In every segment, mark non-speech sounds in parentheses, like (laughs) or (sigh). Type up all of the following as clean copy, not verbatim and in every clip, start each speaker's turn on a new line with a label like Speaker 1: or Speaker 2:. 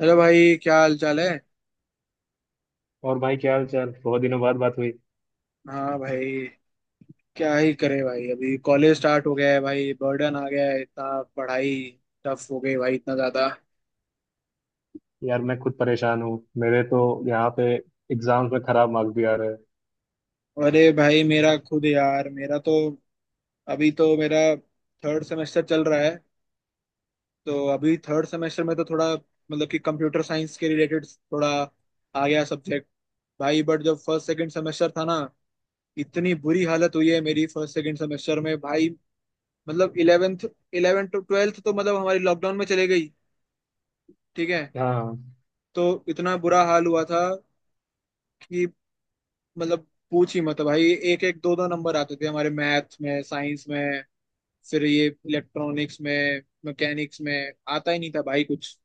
Speaker 1: अरे भाई, क्या हाल चाल है।
Speaker 2: और भाई क्या हाल चाल, बहुत दिनों बाद बात हुई।
Speaker 1: हाँ भाई, क्या ही करे भाई, अभी कॉलेज स्टार्ट हो गया है भाई, बर्डन आ गया है इतना, पढ़ाई टफ हो गई भाई इतना ज्यादा।
Speaker 2: यार मैं खुद परेशान हूँ, मेरे तो यहाँ पे एग्जाम्स में खराब मार्क्स भी आ रहे हैं।
Speaker 1: अरे भाई मेरा खुद यार, मेरा तो अभी तो मेरा थर्ड सेमेस्टर चल रहा है। तो अभी थर्ड सेमेस्टर में तो थोड़ा मतलब कि कंप्यूटर साइंस के रिलेटेड थोड़ा आ गया सब्जेक्ट भाई। बट जब फर्स्ट सेकंड सेमेस्टर था ना, इतनी बुरी हालत हुई है मेरी फर्स्ट सेकंड सेमेस्टर में भाई। मतलब इलेवेंथ, इलेवेंथ टू ट्वेल्थ तो मतलब हमारी लॉकडाउन में चले गई। ठीक है।
Speaker 2: हाँ
Speaker 1: तो इतना बुरा हाल हुआ था कि मतलब पूछ ही मत भाई। एक एक दो दो नंबर आते थे हमारे मैथ में, साइंस में। फिर ये इलेक्ट्रॉनिक्स में, मैकेनिक्स में आता ही नहीं था भाई कुछ।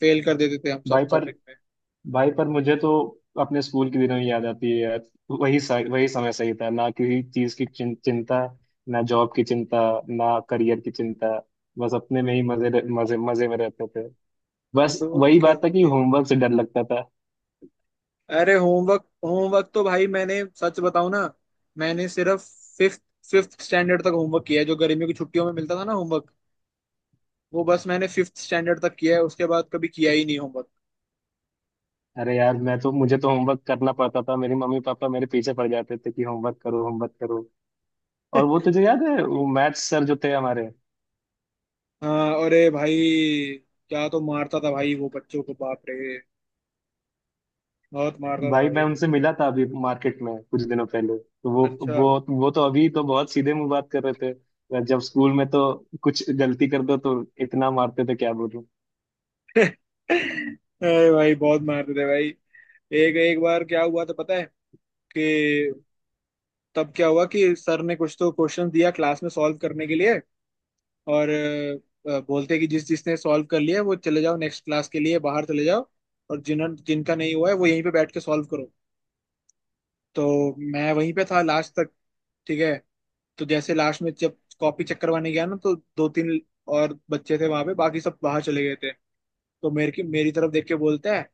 Speaker 1: फेल कर देते थे हम सब
Speaker 2: भाई। पर
Speaker 1: सब्जेक्ट में।
Speaker 2: भाई पर मुझे तो अपने स्कूल के दिनों ही याद आती है यार। वही वही समय सही था ना, किसी चीज की चिंता, ना जॉब की चिंता, ना करियर की चिंता, बस अपने में ही मजे मजे मजे में रहते थे। बस
Speaker 1: तो
Speaker 2: वही
Speaker 1: क्या
Speaker 2: बात था कि
Speaker 1: भाई।
Speaker 2: होमवर्क से डर लगता था।
Speaker 1: अरे होमवर्क, होमवर्क तो भाई मैंने सच बताऊं ना, मैंने सिर्फ फिफ्थ फिफ्थ स्टैंडर्ड तक होमवर्क किया है जो गर्मी की छुट्टियों में मिलता था ना होमवर्क। वो बस मैंने फिफ्थ स्टैंडर्ड तक किया है, उसके बाद कभी किया ही नहीं होमवर्क।
Speaker 2: अरे यार, मैं तो मुझे तो होमवर्क करना पड़ता था, मेरी मम्मी पापा मेरे पीछे पड़ जाते थे कि होमवर्क करो, होमवर्क करो। और वो तुझे याद है वो मैथ्स सर जो थे हमारे?
Speaker 1: हाँ अरे भाई, क्या तो मारता था भाई वो बच्चों को, बाप रे, बहुत मारता था
Speaker 2: भाई मैं
Speaker 1: भाई।
Speaker 2: उनसे मिला था अभी मार्केट में, कुछ दिनों पहले, तो वो
Speaker 1: अच्छा।
Speaker 2: वो वो तो अभी तो बहुत सीधे मुंह बात कर रहे थे। जब स्कूल में तो कुछ गलती कर दो तो इतना मारते थे, क्या बोलूं।
Speaker 1: (laughs) अरे भाई, बहुत मारते थे भाई। एक एक बार क्या हुआ था पता है कि, तब क्या हुआ कि सर ने कुछ तो क्वेश्चन दिया क्लास में सॉल्व करने के लिए और बोलते कि जिस जिसने सॉल्व कर लिया है, वो चले जाओ, नेक्स्ट क्लास के लिए बाहर चले जाओ। और जिन जिनका नहीं हुआ है वो यहीं पे बैठ के सॉल्व करो। तो मैं वहीं पे था लास्ट तक। ठीक है। तो जैसे लास्ट में जब कॉपी चेक करवाने गया ना, तो दो तीन और बच्चे थे वहां पे, बाकी सब बाहर चले गए थे। तो मेरे की मेरी तरफ देख के बोलता है,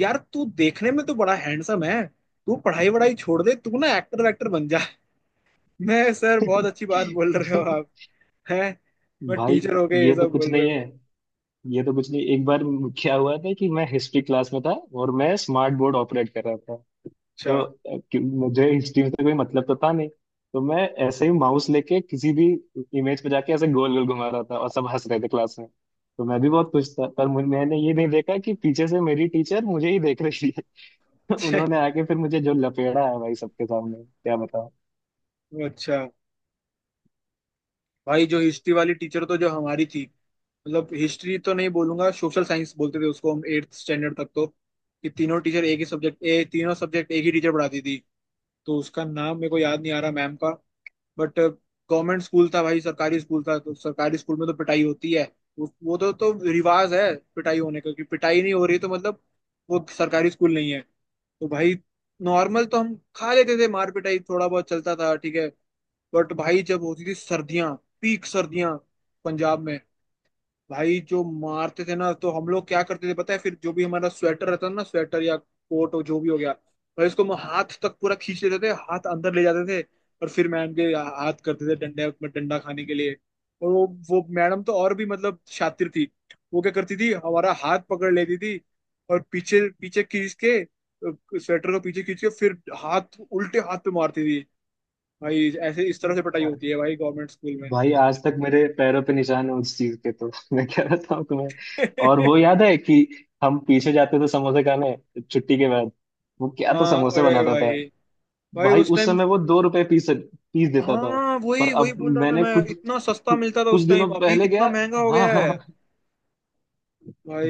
Speaker 1: यार तू देखने में तो बड़ा हैंडसम है, तू पढ़ाई वढ़ाई छोड़ दे, तू ना एक्टर वैक्टर बन जा। (laughs) मैं, सर बहुत अच्छी बात बोल रहे हो आप।
Speaker 2: (laughs)
Speaker 1: हैं। मैं,
Speaker 2: भाई
Speaker 1: टीचर हो गए ये
Speaker 2: ये तो
Speaker 1: सब
Speaker 2: कुछ
Speaker 1: बोल
Speaker 2: नहीं
Speaker 1: रहे
Speaker 2: है।
Speaker 1: हो।
Speaker 2: ये तो कुछ नहीं, एक बार क्या हुआ था कि मैं हिस्ट्री क्लास में था और मैं स्मार्ट बोर्ड ऑपरेट कर रहा था।
Speaker 1: अच्छा।
Speaker 2: तो
Speaker 1: (laughs)
Speaker 2: मुझे हिस्ट्री में से कोई मतलब तो था नहीं, तो मैं ऐसे ही माउस लेके किसी भी इमेज पे जाके ऐसे गोल गोल घुमा रहा था और सब हंस रहे थे क्लास में। तो मैं भी बहुत खुश था, पर मैंने ये नहीं देखा कि पीछे से मेरी टीचर मुझे ही देख रही है। (laughs)
Speaker 1: अच्छा।
Speaker 2: उन्होंने आके फिर मुझे जो लपेड़ा है भाई, सबके सामने, क्या बताऊं।
Speaker 1: अच्छा। भाई जो हिस्ट्री वाली टीचर तो जो हमारी थी, मतलब हिस्ट्री तो नहीं बोलूंगा, सोशल साइंस बोलते थे उसको हम एट्थ स्टैंडर्ड तक। तो कि तीनों टीचर एक ही सब्जेक्ट ए तीनों सब्जेक्ट एक ही टीचर पढ़ाती थी। तो उसका नाम मेरे को याद नहीं आ रहा मैम का। बट गवर्नमेंट स्कूल था भाई, सरकारी स्कूल था, तो सरकारी स्कूल में तो पिटाई होती है। वो तो रिवाज है पिटाई होने का, कि पिटाई नहीं हो रही तो मतलब वो सरकारी स्कूल नहीं है तो भाई। नॉर्मल तो हम खा लेते थे, मार पिटाई थोड़ा बहुत चलता था, ठीक है। बट भाई जब होती थी सर्दियां, पीक सर्दियां, पंजाब में, भाई जो मारते थे ना, तो हम लोग क्या करते थे पता है, फिर जो भी हमारा स्वेटर रहता था ना, स्वेटर या कोट, हो जो भी हो गया, भाई उसको हम हाथ तक पूरा खींच लेते थे, हाथ अंदर ले जाते थे। और फिर मैम के हाथ करते थे डंडे में, डंडा खाने के लिए। और वो मैडम तो और भी मतलब शातिर थी। वो क्या करती थी, हमारा हाथ पकड़ लेती थी, और पीछे पीछे खींच के, स्वेटर को पीछे खींच के, फिर हाथ, उल्टे हाथ पे मारती थी। भाई ऐसे इस तरह से पिटाई होती है भाई गवर्नमेंट स्कूल में।
Speaker 2: भाई आज तक मेरे पैरों पे निशान है उस चीज के तो (laughs) मैं क्या बताऊं तुम्हें। और वो याद
Speaker 1: (laughs)
Speaker 2: है कि हम पीछे जाते थे समोसे खाने छुट्टी के बाद, वो क्या तो
Speaker 1: हाँ
Speaker 2: समोसे
Speaker 1: अरे
Speaker 2: बनाता था।
Speaker 1: भाई भाई
Speaker 2: भाई
Speaker 1: उस
Speaker 2: उस
Speaker 1: टाइम।
Speaker 2: समय वो 2 रुपए पीस पीस देता था।
Speaker 1: हाँ
Speaker 2: पर
Speaker 1: वही वही
Speaker 2: अब
Speaker 1: बोल रहा था
Speaker 2: मैंने
Speaker 1: मैं,
Speaker 2: कुछ
Speaker 1: इतना सस्ता मिलता था
Speaker 2: कुछ
Speaker 1: उस टाइम,
Speaker 2: दिनों
Speaker 1: अभी
Speaker 2: पहले गया।
Speaker 1: कितना महंगा हो
Speaker 2: हाँ,
Speaker 1: गया
Speaker 2: हाँ,
Speaker 1: है।
Speaker 2: हाँ।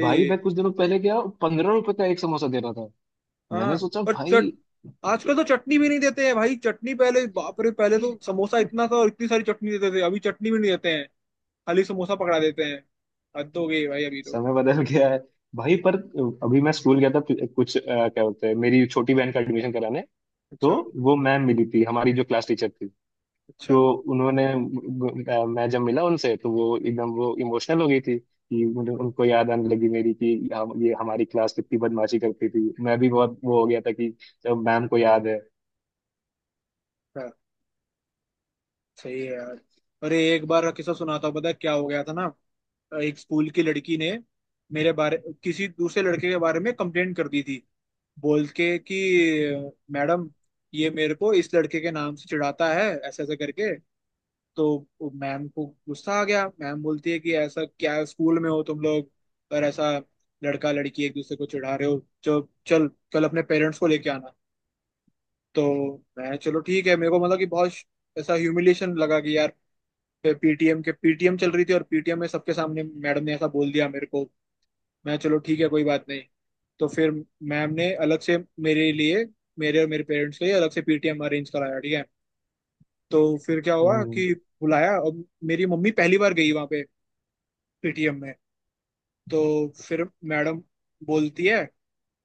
Speaker 2: भाई मैं कुछ दिनों पहले गया, 15 रुपए का एक समोसा दे रहा था। मैंने
Speaker 1: हाँ।
Speaker 2: सोचा
Speaker 1: और
Speaker 2: भाई,
Speaker 1: चट आजकल तो चटनी भी नहीं देते हैं भाई चटनी, पहले, बाप रे, पहले तो समोसा इतना था और इतनी सारी चटनी देते थे, अभी चटनी भी नहीं देते हैं। खाली समोसा पकड़ा देते हैं। हद हो गई भाई अभी तो।
Speaker 2: समय बदल गया है। भाई पर अभी मैं स्कूल गया था कुछ, क्या बोलते हैं, मेरी छोटी बहन का एडमिशन कराने। तो
Speaker 1: अच्छा।
Speaker 2: वो मैम मिली थी हमारी जो क्लास टीचर थी।
Speaker 1: अच्छा।
Speaker 2: तो उन्होंने, मैं जब मिला उनसे तो वो एकदम वो इमोशनल हो गई थी, कि मुझे उनको याद आने लगी मेरी, कि हम ये हमारी क्लास कितनी बदमाशी करती थी, मैं भी बहुत वो हो गया था कि जब मैम को याद है।
Speaker 1: अच्छा। सही है यार। अरे एक बार का किस्सा सुनाता हूँ, पता है क्या हो गया था ना। एक स्कूल की लड़की ने मेरे बारे किसी दूसरे लड़के के बारे में कंप्लेंट कर दी थी, बोल के कि, मैडम ये मेरे को इस लड़के के नाम से चिढ़ाता है, ऐसे ऐसे करके। तो वो, मैम को गुस्सा आ गया, मैम बोलती है कि ऐसा क्या स्कूल में हो तुम लोग, और ऐसा लड़का लड़की एक दूसरे को चिढ़ा रहे हो जो, चल कल अपने पेरेंट्स को लेके आना। तो मैं, चलो ठीक है, मेरे को मतलब कि बहुत ऐसा ह्यूमिलिएशन लगा कि यार, पीटीएम के पीटीएम चल रही थी और पीटीएम में सबके सामने मैडम ने ऐसा बोल दिया मेरे को। मैं, चलो ठीक है कोई बात नहीं। तो फिर मैम ने अलग से, मेरे लिए, मेरे और मेरे पेरेंट्स के लिए अलग से पीटीएम अरेंज कराया, ठीक है। तो फिर क्या हुआ
Speaker 2: हम्म।
Speaker 1: कि बुलाया, और मेरी मम्मी पहली बार गई वहां पे, पीटीएम में। तो फिर मैडम बोलती है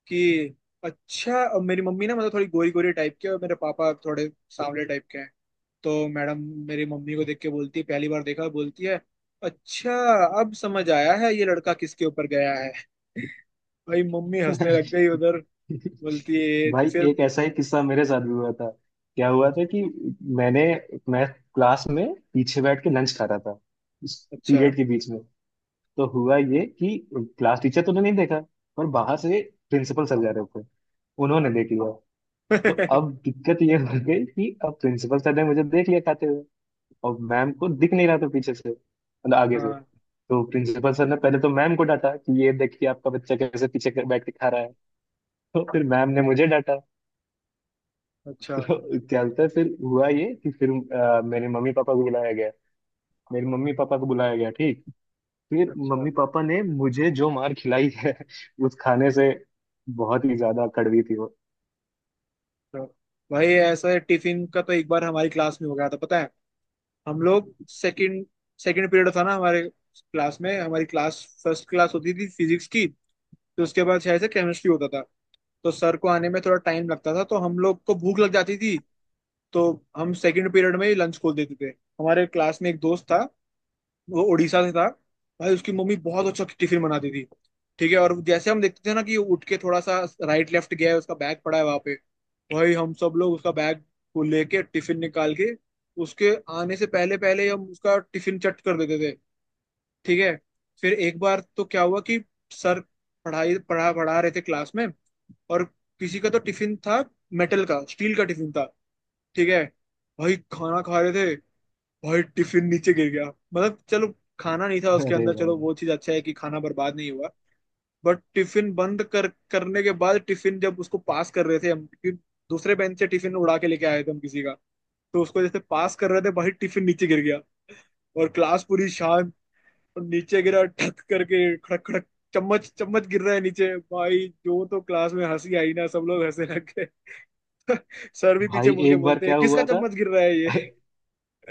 Speaker 1: कि, अच्छा अब, मेरी मम्मी ना मतलब थोड़ी गोरी गोरी टाइप के और मेरे पापा थोड़े सांवले टाइप के हैं। तो मैडम मेरी मम्मी को देख के बोलती है, पहली बार देखा, बोलती है, अच्छा अब समझ आया है ये लड़का किसके ऊपर गया है। (laughs) भाई मम्मी हंसने लग गई
Speaker 2: (laughs)
Speaker 1: उधर। बोलती है
Speaker 2: भाई
Speaker 1: फिर।
Speaker 2: एक ऐसा ही किस्सा मेरे साथ भी हुआ था। क्या हुआ था कि मैंने मैं क्लास में पीछे बैठ के लंच खा रहा था, इस
Speaker 1: अच्छा।
Speaker 2: पीरियड के बीच में। तो हुआ ये कि क्लास टीचर तो ने नहीं देखा, पर बाहर से प्रिंसिपल सर जा रहे थे, उन्होंने
Speaker 1: हाँ।
Speaker 2: देख लिया। तो अब
Speaker 1: (laughs)
Speaker 2: दिक्कत ये हो गई कि अब प्रिंसिपल सर ने मुझे देख लिया खाते हुए, और मैम को दिख नहीं रहा था पीछे से, मतलब आगे से।
Speaker 1: हाँ।
Speaker 2: तो प्रिंसिपल सर ने पहले तो मैम को डांटा कि ये देखिए आपका बच्चा कैसे पीछे बैठ के खा रहा है। तो फिर मैम ने मुझे डांटा।
Speaker 1: अच्छा।
Speaker 2: तो क्या होता है, फिर हुआ ये कि फिर मेरे मम्मी पापा को बुलाया गया, मेरे मम्मी पापा को बुलाया गया, ठीक। फिर
Speaker 1: अच्छा।
Speaker 2: मम्मी पापा ने मुझे जो मार खिलाई है (laughs) उस खाने से, बहुत ही ज्यादा कड़वी थी वो।
Speaker 1: तो भाई ऐसा है, टिफिन का तो एक बार हमारी क्लास में हो गया था, पता है। हम लोग सेकंड सेकंड पीरियड था ना हमारे क्लास में, हमारी क्लास फर्स्ट क्लास होती थी फिजिक्स की। तो उसके बाद शायद से केमिस्ट्री होता था। तो सर को आने में थोड़ा टाइम लगता था, तो हम लोग को भूख लग जाती थी। तो हम सेकंड पीरियड में ही लंच खोल देते थे। हमारे क्लास में एक दोस्त था, वो उड़ीसा से था। भाई उसकी मम्मी बहुत अच्छा टिफिन बनाती थी, ठीक है। और जैसे हम देखते थे ना कि उठ के थोड़ा सा राइट लेफ्ट गया है, उसका बैग पड़ा है वहां पे, भाई हम सब लोग उसका बैग को लेके, टिफिन निकाल के, उसके आने से पहले पहले हम उसका टिफिन चट कर देते थे, ठीक है। फिर एक बार तो क्या हुआ कि, सर पढ़ा रहे थे क्लास में, और किसी का तो टिफिन था, मेटल का, स्टील का टिफिन था, ठीक है। भाई खाना खा रहे थे, भाई टिफिन नीचे गिर गया। मतलब चलो, खाना नहीं था उसके
Speaker 2: अरे
Speaker 1: अंदर,
Speaker 2: भाई,
Speaker 1: चलो वो चीज अच्छा है कि खाना बर्बाद नहीं हुआ। बट टिफिन बंद कर करने के बाद, टिफिन जब उसको पास कर रहे थे हम, क्योंकि दूसरे बेंच से टिफिन उड़ा के लेके आए थे हम किसी का, तो उसको जैसे पास कर रहे थे भाई टिफिन नीचे गिर गया। और क्लास पूरी शांत, और नीचे गिरा ठक करके, खड़क खड़क, चम्मच चम्मच गिर रहा है नीचे, भाई जो तो क्लास में हंसी आई ना, सब लोग हंसने लग गए। (laughs) सर भी
Speaker 2: भाई
Speaker 1: पीछे मुड़ के
Speaker 2: एक बार
Speaker 1: बोलते हैं,
Speaker 2: क्या
Speaker 1: किसका
Speaker 2: हुआ था।
Speaker 1: चम्मच गिर रहा है ये।
Speaker 2: (laughs)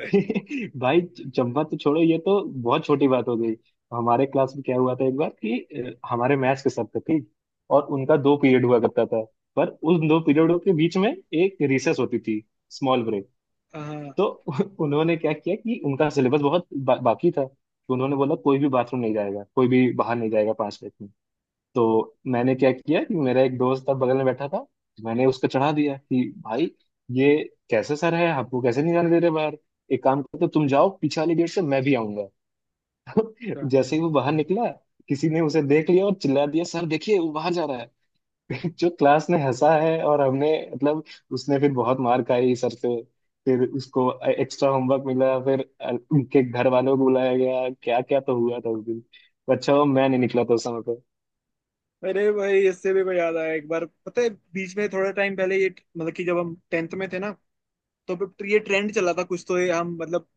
Speaker 2: (laughs) भाई चंपा तो छोड़ो, ये तो बहुत छोटी बात हो गई। हमारे क्लास में क्या हुआ था एक बार कि हमारे मैथ्स के सब थे, ठीक, और उनका 2 पीरियड हुआ करता था, पर उन दो पीरियडों के बीच में एक रिसेस होती थी, स्मॉल ब्रेक। तो
Speaker 1: (laughs)
Speaker 2: (laughs) उन्होंने क्या किया कि उनका सिलेबस बहुत बाकी था, तो उन्होंने बोला कोई भी बाथरूम नहीं जाएगा, कोई भी बाहर नहीं जाएगा 5 मिनट में। तो मैंने क्या किया कि मेरा एक दोस्त था बगल में बैठा था, मैंने उसको चढ़ा दिया कि भाई ये कैसे सर है, हमको कैसे नहीं जाने दे रहे बाहर, एक काम करते हो, तुम जाओ पीछे वाले गेट से, मैं भी आऊंगा। (laughs)
Speaker 1: हाँ
Speaker 2: जैसे ही वो बाहर निकला, किसी ने उसे देख लिया और चिल्ला दिया, सर देखिए वो बाहर जा रहा है। (laughs) जो क्लास ने हंसा है, और हमने मतलब, उसने फिर बहुत मार खाई सर से। फिर उसको एक्स्ट्रा होमवर्क मिला, फिर उनके घर वालों को बुलाया गया, क्या क्या तो हुआ था उस दिन, तो अच्छा हुआ मैं नहीं निकला था उस समय।
Speaker 1: अरे भाई, इससे भी कोई याद आया एक बार, पता है। बीच में थोड़ा टाइम पहले ये, मतलब कि जब हम टेंथ में थे ना, तो फिर तो ये ट्रेंड चला था कुछ तो, ये हम मतलब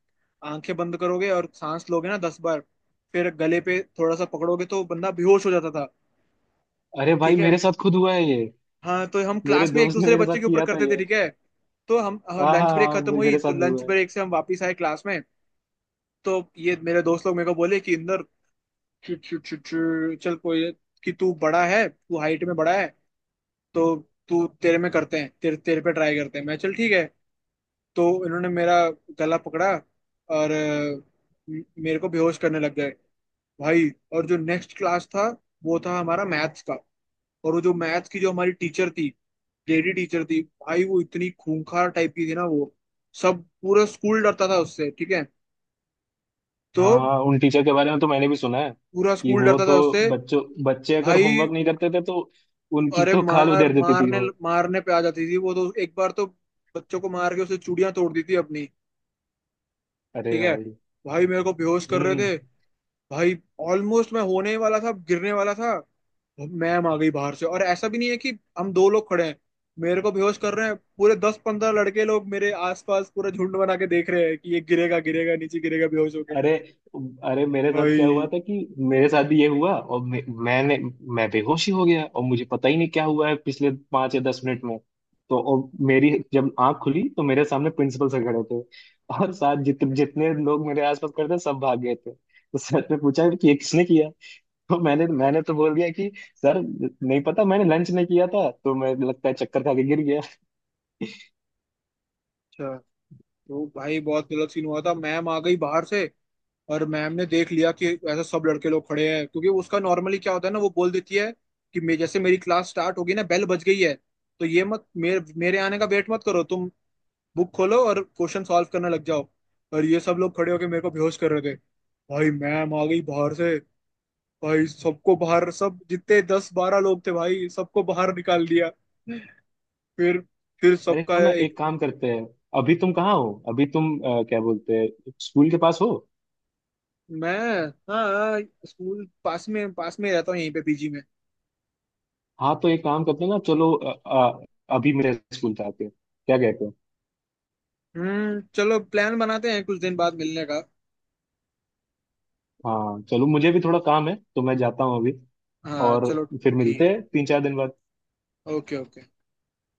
Speaker 1: आंखें बंद करोगे और सांस लोगे ना दस बार, फिर गले पे थोड़ा सा पकड़ोगे तो बंदा बेहोश हो जाता था।
Speaker 2: अरे भाई,
Speaker 1: ठीक है।
Speaker 2: मेरे साथ खुद हुआ है ये।
Speaker 1: हाँ, तो हम
Speaker 2: मेरे
Speaker 1: क्लास में एक
Speaker 2: दोस्त ने
Speaker 1: दूसरे
Speaker 2: मेरे साथ
Speaker 1: बच्चे के ऊपर
Speaker 2: किया था
Speaker 1: करते थे,
Speaker 2: ये।
Speaker 1: ठीक है। तो हम,
Speaker 2: हाँ, हाँ,
Speaker 1: लंच ब्रेक
Speaker 2: हाँ।
Speaker 1: खत्म हुई
Speaker 2: मेरे
Speaker 1: तो
Speaker 2: साथ भी
Speaker 1: लंच
Speaker 2: हुआ है।
Speaker 1: ब्रेक से हम वापस आए क्लास में। तो ये मेरे दोस्त लोग मेरे को बोले कि, इंदर, चुट चुट चुट चुट, चल कोई, कि तू बड़ा है, तू हाइट में बड़ा है। तो तू तेरे में करते हैं तेरे तेरे पे ट्राई करते हैं। मैं, चल ठीक है। तो इन्होंने मेरा गला पकड़ा और मेरे को बेहोश करने लग गए भाई। और जो नेक्स्ट क्लास था वो था हमारा मैथ्स का। और वो जो मैथ्स की जो हमारी टीचर थी, लेडी टीचर थी, भाई वो इतनी खूंखार टाइप की थी ना वो, सब, पूरा स्कूल डरता था उससे, ठीक है। तो
Speaker 2: हाँ, हाँ, उन टीचर के बारे में तो मैंने भी सुना है,
Speaker 1: पूरा
Speaker 2: कि
Speaker 1: स्कूल
Speaker 2: वो
Speaker 1: डरता था
Speaker 2: तो
Speaker 1: उससे।
Speaker 2: बच्चों बच्चे अगर
Speaker 1: भाई
Speaker 2: होमवर्क नहीं करते थे तो उनकी
Speaker 1: अरे,
Speaker 2: तो खाल
Speaker 1: मार,
Speaker 2: उधेड़ देती थी
Speaker 1: मारने
Speaker 2: वो।
Speaker 1: मारने पे आ जाती थी वो तो, एक बार तो बच्चों को मार के उसने चूड़ियां तोड़ दी थी अपनी,
Speaker 2: अरे
Speaker 1: ठीक है।
Speaker 2: भाई।
Speaker 1: भाई मेरे को बेहोश कर रहे
Speaker 2: हम्म।
Speaker 1: थे भाई, ऑलमोस्ट मैं होने ही वाला था, गिरने वाला था, मैम आ गई बाहर से। और ऐसा भी नहीं है कि हम दो लोग खड़े हैं मेरे को बेहोश कर रहे हैं, पूरे दस पंद्रह लड़के लोग मेरे आसपास पूरा झुंड बना के देख रहे हैं कि ये गिरेगा, गिरेगा, नीचे गिरेगा बेहोश होके।
Speaker 2: अरे अरे, मेरे साथ
Speaker 1: भाई।
Speaker 2: क्या हुआ था कि मेरे साथ भी ये हुआ, और मैं बेहोश ही हो गया, और मुझे पता ही नहीं क्या हुआ है पिछले 5 या 10 मिनट में। तो और मेरी जब आंख खुली तो मेरे सामने प्रिंसिपल सर खड़े थे (laughs) और साथ जितने लोग मेरे आसपास खड़े थे सब भाग गए थे। तो सर ने पूछा कि ये किसने किया। तो मैंने मैंने तो बोल दिया कि सर नहीं पता, मैंने लंच नहीं किया था तो मैं, लगता है, चक्कर खा के गिर गया।
Speaker 1: अच्छा। तो भाई बहुत गलत सीन हुआ था, मैम आ गई बाहर से, और मैम ने देख लिया कि ऐसे सब लड़के लोग खड़े हैं, क्योंकि उसका नॉर्मली क्या होता है ना, वो बोल देती है कि, मैं जैसे, मेरी क्लास स्टार्ट होगी ना, बेल बज गई है, तो ये मत मेरे मेरे आने का वेट मत करो तुम, बुक खोलो और क्वेश्चन सॉल्व करने लग जाओ। और ये सब लोग खड़े होके मेरे को बेहोश कर रहे थे। भाई मैम आ गई बाहर से। भाई सबको बाहर, सब जितने दस बारह लोग थे भाई, सबको बाहर निकाल दिया। फिर फिर
Speaker 2: अरे
Speaker 1: सबका
Speaker 2: सुनो ना,
Speaker 1: एक।
Speaker 2: एक काम करते हैं। अभी तुम कहाँ हो, अभी तुम, क्या बोलते हैं, स्कूल के पास हो?
Speaker 1: मैं। हाँ। स्कूल पास में रहता हूँ यहीं पे पीजी में।
Speaker 2: हाँ तो एक काम करते हैं ना, चलो अभी मेरे स्कूल से आते हैं, क्या कहते हो?
Speaker 1: हम्म, चलो प्लान बनाते हैं कुछ दिन बाद मिलने का।
Speaker 2: हाँ चलो, मुझे भी थोड़ा काम है तो मैं जाता हूँ अभी।
Speaker 1: हाँ
Speaker 2: और
Speaker 1: चलो।
Speaker 2: फिर मिलते
Speaker 1: ठीक
Speaker 2: हैं 3-4 दिन बाद।
Speaker 1: है। Okay okay.